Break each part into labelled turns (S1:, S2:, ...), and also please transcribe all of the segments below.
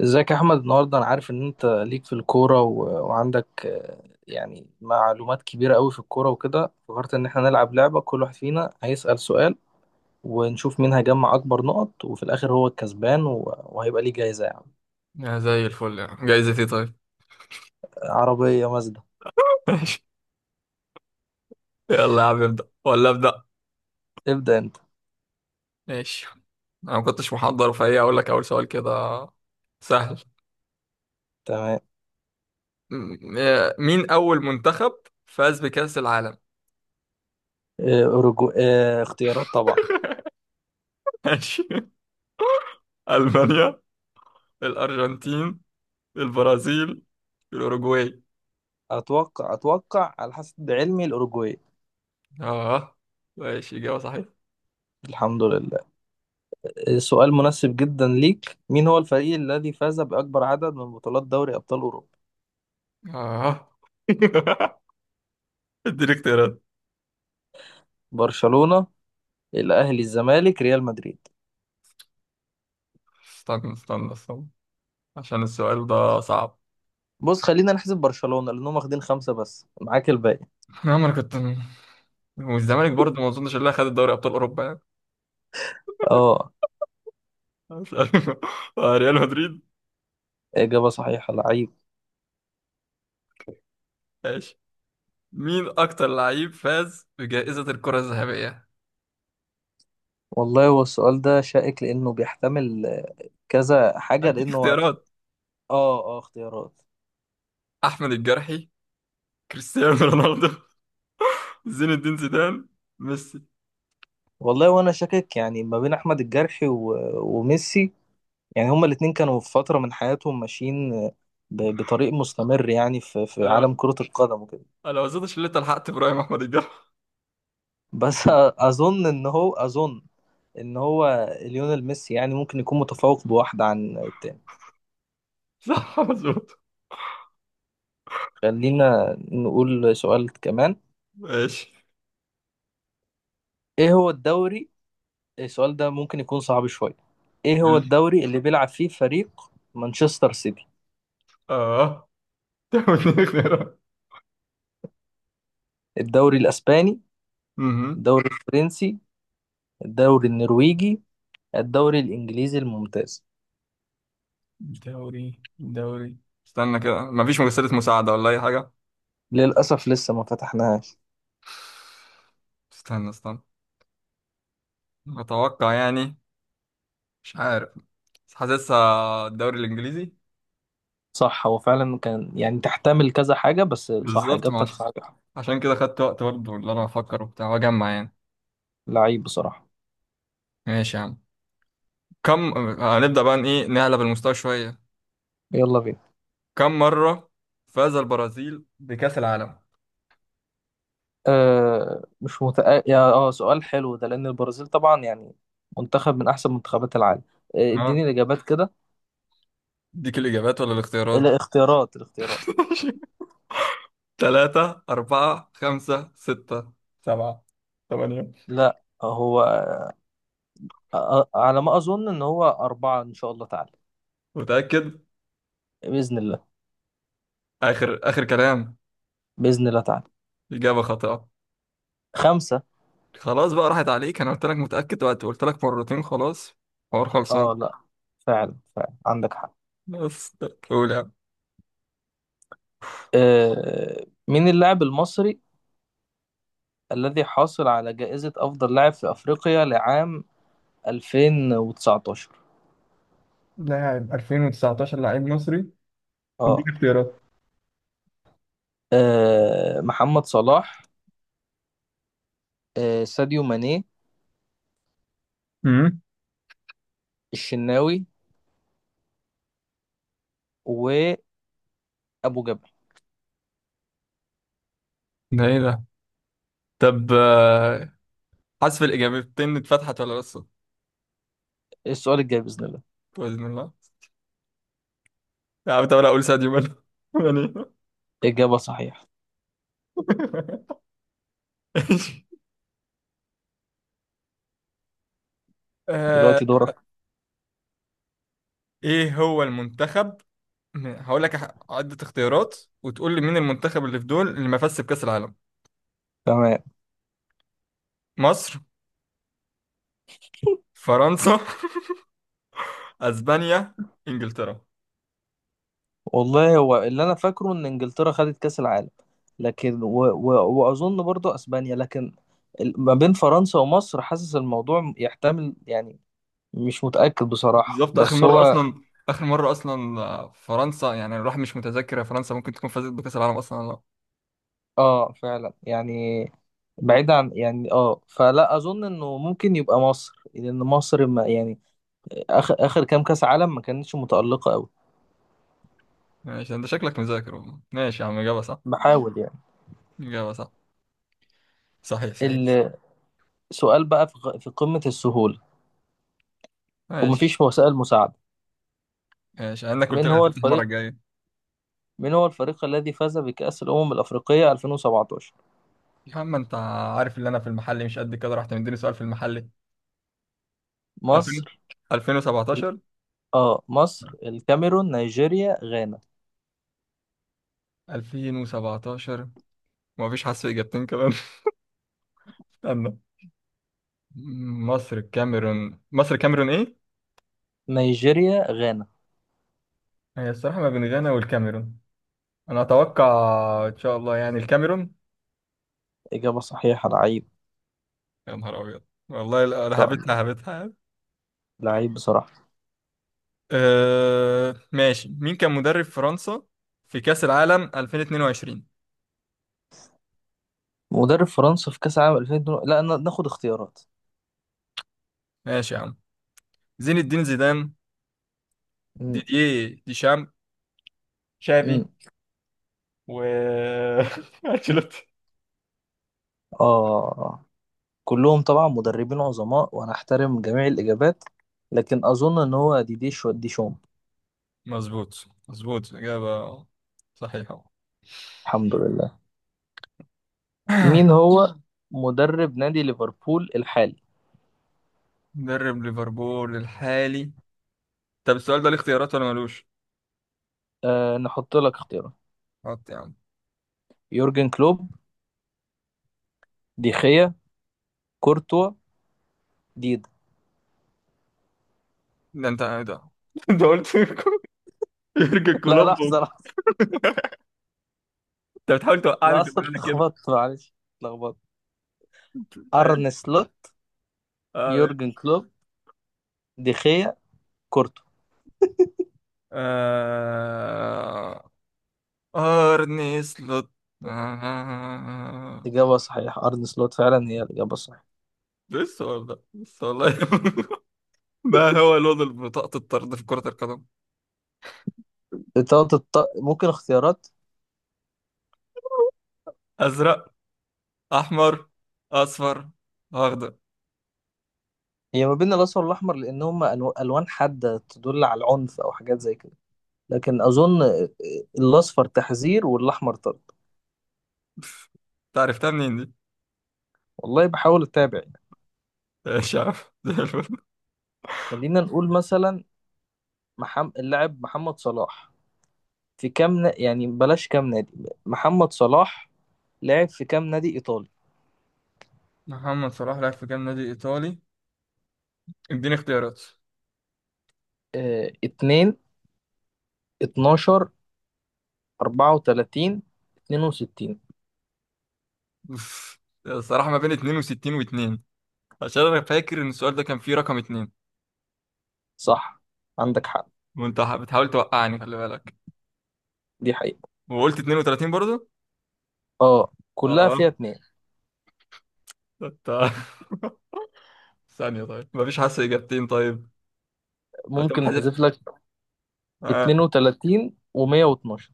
S1: ازيك يا احمد، النهارده انا عارف ان انت ليك في الكوره و... وعندك، يعني معلومات كبيره قوي في الكوره وكده. فكرت ان احنا نلعب لعبه، كل واحد فينا هيسأل سؤال، ونشوف مين هيجمع اكبر نقط، وفي الاخر هو الكسبان و... وهيبقى ليه جايزه يعني.
S2: يا زي الفل، يعني جايزة ايه؟ طيب.
S1: عربيه مازدا.
S2: ماشي. يلا يا عم، ابدأ ولا ابدأ؟
S1: ابدأ انت.
S2: ماشي، انا ما كنتش محضر فهي اقول لك اول سؤال كده سهل.
S1: تمام.
S2: مين اول منتخب فاز بكأس العالم؟
S1: آه، أورجو... آه، اختيارات طبعا.
S2: ماشي. ألمانيا، الأرجنتين، البرازيل، الأوروجواي.
S1: اتوقع، على حسب علمي، الاوروجواي.
S2: اه. ماشي، إجابة صحيحة.
S1: الحمد لله. سؤال مناسب جدا ليك. مين هو الفريق الذي فاز باكبر عدد من بطولات دوري ابطال اوروبا؟
S2: اه. اديني اختيارات.
S1: برشلونة، الاهلي، الزمالك، ريال مدريد.
S2: استنى استنى استنى، عشان السؤال ده صعب.
S1: بص، خلينا نحسب برشلونة لانهم واخدين خمسة، بس معاك الباقي.
S2: نعم، انا كنت، والزمالك برضه ما اظنش اللي خد دوري ابطال اوروبا يعني.
S1: اه.
S2: مش عارف. ريال مدريد.
S1: اجابة صحيحة، لعيب.
S2: ماشي. مين اكتر لعيب فاز بجائزة الكرة الذهبية؟
S1: والله هو السؤال ده شائك لانه بيحتمل، كذا حاجة
S2: هديك
S1: لانه
S2: اختيارات:
S1: اه، اه، اختيارات.
S2: احمد الجرحي، كريستيانو رونالدو، زين الدين زيدان، ميسي.
S1: والله، وانا شاكك يعني، ما بين احمد الجرحي و... وميسي. يعني هما الاتنين كانوا في فترة من حياتهم ماشيين، بطريق مستمر يعني، في
S2: انا
S1: عالم كرة القدم وكده.
S2: انا ما اظنش ان انت لحقت ابراهيم احمد الجرحي.
S1: بس، اظن ان هو ليونيل ميسي يعني ممكن يكون متفوق بواحدة عن التاني.
S2: صح، مظبوط.
S1: خلينا نقول سؤال كمان.
S2: ماشي.
S1: ايه هو الدوري؟ السؤال ده ممكن يكون صعب شوية. ايه هو الدوري اللي بيلعب فيه فريق مانشستر سيتي؟
S2: اه، تعمل إيه؟ اختيارات
S1: الدوري الاسباني،
S2: مهم.
S1: الدوري الفرنسي، الدوري النرويجي، الدوري الانجليزي الممتاز.
S2: دوري استنى كده، مفيش مجسدة مساعدة ولا اي حاجة؟
S1: للاسف لسه ما فتحناهاش.
S2: استنى استنى، اتوقع يعني، مش عارف، بس حاسسها الدوري الانجليزي.
S1: صح، هو فعلا كان يعني تحتمل كذا حاجة، بس صح،
S2: بالظبط، ما
S1: اجابتك
S2: عشان
S1: صح.
S2: عشان كده خدت وقت برضه اللي انا افكر وبتاع واجمع يعني.
S1: لعيب بصراحة.
S2: ماشي يا عم. كم، هنبدأ بقى إن ايه، نعلى بالمستوى شوية.
S1: يلا بينا.
S2: كم مرة فاز البرازيل بكأس العالم؟
S1: آه مش متأ... يا اه سؤال حلو ده، لأن البرازيل طبعا يعني منتخب من أحسن منتخبات العالم.
S2: اه،
S1: اديني الإجابات كده.
S2: اديك الاجابات ولا الاختيارات؟
S1: الاختيارات الاختيارات.
S2: ثلاثة، أربعة، خمسة، ستة، سبعة، ثمانية.
S1: لا، هو على ما أظن إن هو أربعة، إن شاء الله تعالى.
S2: متأكد؟
S1: بإذن الله.
S2: آخر آخر كلام؟
S1: بإذن الله تعالى.
S2: إجابة خاطئة.
S1: خمسة.
S2: خلاص بقى، راحت عليك. أنا قلت لك متأكد، وقت قلت لك مرتين، خلاص حوار خلصان.
S1: اه، لا، فعلا فعلا عندك حق.
S2: بس قول يا عم.
S1: مين اللاعب المصري الذي حاصل على جائزة أفضل لاعب في أفريقيا لعام 2019؟
S2: لاعب 2019 لاعب مصري.
S1: اه.
S2: اديني اختيارات.
S1: محمد صلاح، ساديو ماني،
S2: امم
S1: الشناوي، وابو جبل.
S2: ده ايه ده؟ طب حذف الاجابتين اتفتحت ولا لسه؟
S1: السؤال الجاي باذن الله.
S2: باذن الله. يا عم طب انا اقول ساديو ماني. ماني.
S1: اجابه صحيحه.
S2: إيش؟ آه،
S1: دلوقتي دورك.
S2: ايه هو المنتخب، هقول لك عدة اختيارات وتقول لي مين المنتخب اللي في دول اللي ما فازش بكأس العالم.
S1: تمام.
S2: مصر، فرنسا، اسبانيا، انجلترا.
S1: والله هو اللي انا فاكره ان انجلترا خدت كاس العالم، لكن و... و... واظن برضو اسبانيا، لكن ما بين فرنسا ومصر حاسس الموضوع يحتمل يعني. مش متاكد بصراحه،
S2: بالظبط، اخر
S1: بس
S2: مره
S1: هو.
S2: اصلا، اخر مره اصلا فرنسا يعني. الواحد مش متذكر، يا فرنسا ممكن تكون فازت بكاس العالم اصلا ولا لا.
S1: اه، فعلا يعني. بعيد عن يعني، فلا اظن انه ممكن يبقى مصر، لان مصر ما يعني اخر اخر كام كاس عالم ما كانتش متالقه قوي.
S2: ماشي، انت شكلك مذاكر والله. ماشي يا عم، اجابه صح.
S1: بحاول يعني.
S2: اجابه صح. صحيح صحيح.
S1: السؤال بقى في قمة السهولة،
S2: ماشي.
S1: ومفيش وسائل مساعدة.
S2: ماشي، انا قلت
S1: من
S2: لك
S1: هو
S2: هتفتح المره
S1: الفريق
S2: الجايه.
S1: من هو الفريق الذي فاز بكأس الأمم الأفريقية 2017؟
S2: يا عم انت عارف ان انا في المحل مش قد كده، رحت مديني سؤال في المحل. 2000،
S1: مصر، ال-
S2: 2017.
S1: اه مصر، الكاميرون،
S2: 2017، ومفيش؟ حاسس في اجابتين كمان. استنى. مصر، الكاميرون، مصر، الكاميرون، ايه
S1: نيجيريا غانا
S2: هي الصراحه ما بين غانا والكاميرون. انا اتوقع، ان شاء الله، يعني الكاميرون.
S1: إجابة صحيحة، لعيب.
S2: يا نهار ابيض، والله
S1: إن
S2: انا
S1: شاء
S2: هبتها
S1: الله.
S2: هبتها يعني.
S1: لعيب بصراحة.
S2: أه ماشي. مين كان مدرب فرنسا في كأس العالم 2022؟
S1: مدرب فرنسا في كأس العالم 2002. لا، ناخد اختيارات.
S2: ماشي يا عم. زين الدين زيدان،
S1: مم.
S2: ديدييه ديشام، شافي،
S1: مم.
S2: و انشيلوتي.
S1: اه، كلهم طبعا مدربين عظماء، وأنا أحترم جميع الإجابات، لكن أظن إن هو ديشام.
S2: مظبوط مظبوط، إجابة صحيحة.
S1: الحمد لله. مين هو مدرب نادي ليفربول الحالي؟
S2: مدرب ليفربول الحالي. طب السؤال ده ليه اختيارات ولا ملوش؟
S1: نحط لك اختيارات.
S2: حط يا عم.
S1: يورجن كلوب، دي خيا، كورتوا، ديدا.
S2: ده انت ايه ده؟ انت قلت يورجن
S1: لا،
S2: كلوب.
S1: لحظة، لحظة،
S2: انت بتحاول توقعني في
S1: لحظة،
S2: الدنيا كده.
S1: اتلخبطت، معلش اتلخبطت. أرن سلوت.
S2: اه.
S1: يورجن كلوب، دي خيا، كورتوا.
S2: آه... أرني سلوت. آه...
S1: إجابة صحيحة، أرن سلوت فعلا هي الإجابة الصحيحة.
S2: لسه والله، لسه والله. ما هو لون بطاقة الطرد في كرة القدم؟
S1: ممكن اختيارات.
S2: أزرق، أحمر، أصفر، أخضر.
S1: هي ما بين الأصفر والأحمر، لأن هما ألوان حادة تدل على العنف أو حاجات زي كده. لكن أظن الأصفر تحذير والأحمر طرد.
S2: أنت عرفتها منين دي؟
S1: والله بحاول اتابع يعني.
S2: مش عارف. زي الفل.
S1: خلينا نقول مثلا اللاعب محمد صلاح، في كام يعني بلاش، كام نادي محمد صلاح لعب في كام نادي ايطالي؟
S2: محمد صلاح لعب في كام نادي إيطالي؟ اديني اختيارات.
S1: 2، 12، 34، 62.
S2: أوف. الصراحة ما بين 62 و2، عشان أنا فاكر إن السؤال ده كان فيه رقم 2.
S1: صح، عندك حق.
S2: وأنت بتحاول توقعني، خلي بالك.
S1: دي حقيقة.
S2: وقلت 32 برضه؟
S1: اه، كلها
S2: اه.
S1: فيها اتنين.
S2: انت. ثانية، طيب مفيش حاسة إجابتين طيب؟ هتقوم
S1: ممكن
S2: حذف.
S1: نحذف لك
S2: آه.
S1: 32 و112.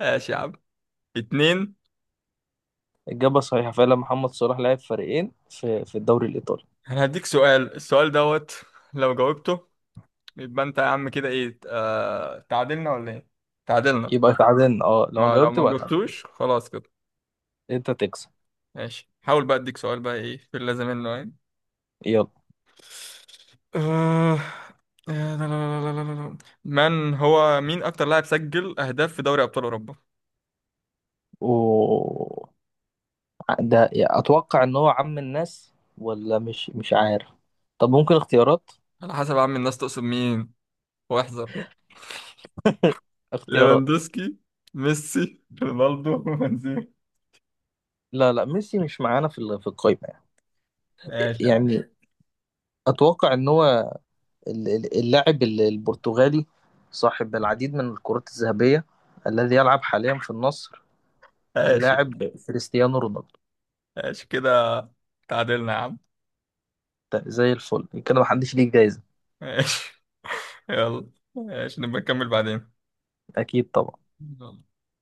S2: ماشي يا عم. اتنين.
S1: الإجابة صحيحة، فعلا محمد صلاح لعب فريقين في الدوري الإيطالي.
S2: أنا هديك سؤال، السؤال دوت، لو جاوبته يبقى أنت يا عم كده إيه، تعادلنا ولا إيه؟ تعادلنا.
S1: يبقى تعادلنا، اه، لو
S2: آه، لو
S1: جاوبت
S2: ما
S1: يبقى تعادلنا.
S2: جاوبتوش خلاص كده.
S1: انت تكسب.
S2: ماشي، حاول بقى، أديك سؤال بقى إيه في اللازم منه يعني.
S1: يلا.
S2: آه، لا لا لا لا لا لا. من هو، مين أكتر لاعب سجل أهداف في دوري أبطال أوروبا؟
S1: و ده اتوقع ان هو عم الناس، ولا مش عارف. طب ممكن اختيارات.
S2: على حسب يا عم، الناس تقصد مين؟ واحذر.
S1: اختيارات.
S2: ليفاندوسكي، ميسي، رونالدو، بنزيما.
S1: لا، لا، ميسي مش معانا في القائمة يعني.
S2: ماشي يا عم.
S1: يعني اتوقع ان هو اللاعب البرتغالي، صاحب العديد من الكرات الذهبية، الذي يلعب حاليا في النصر.
S2: ماشي
S1: اللاعب كريستيانو رونالدو.
S2: ماشي كده، تعادلنا يا عم.
S1: ده زي الفل كده، محدش ليه جايزة.
S2: ماشي، يلا، ماشي نبقى نكمل بعدين.
S1: اكيد طبعا.
S2: يلا.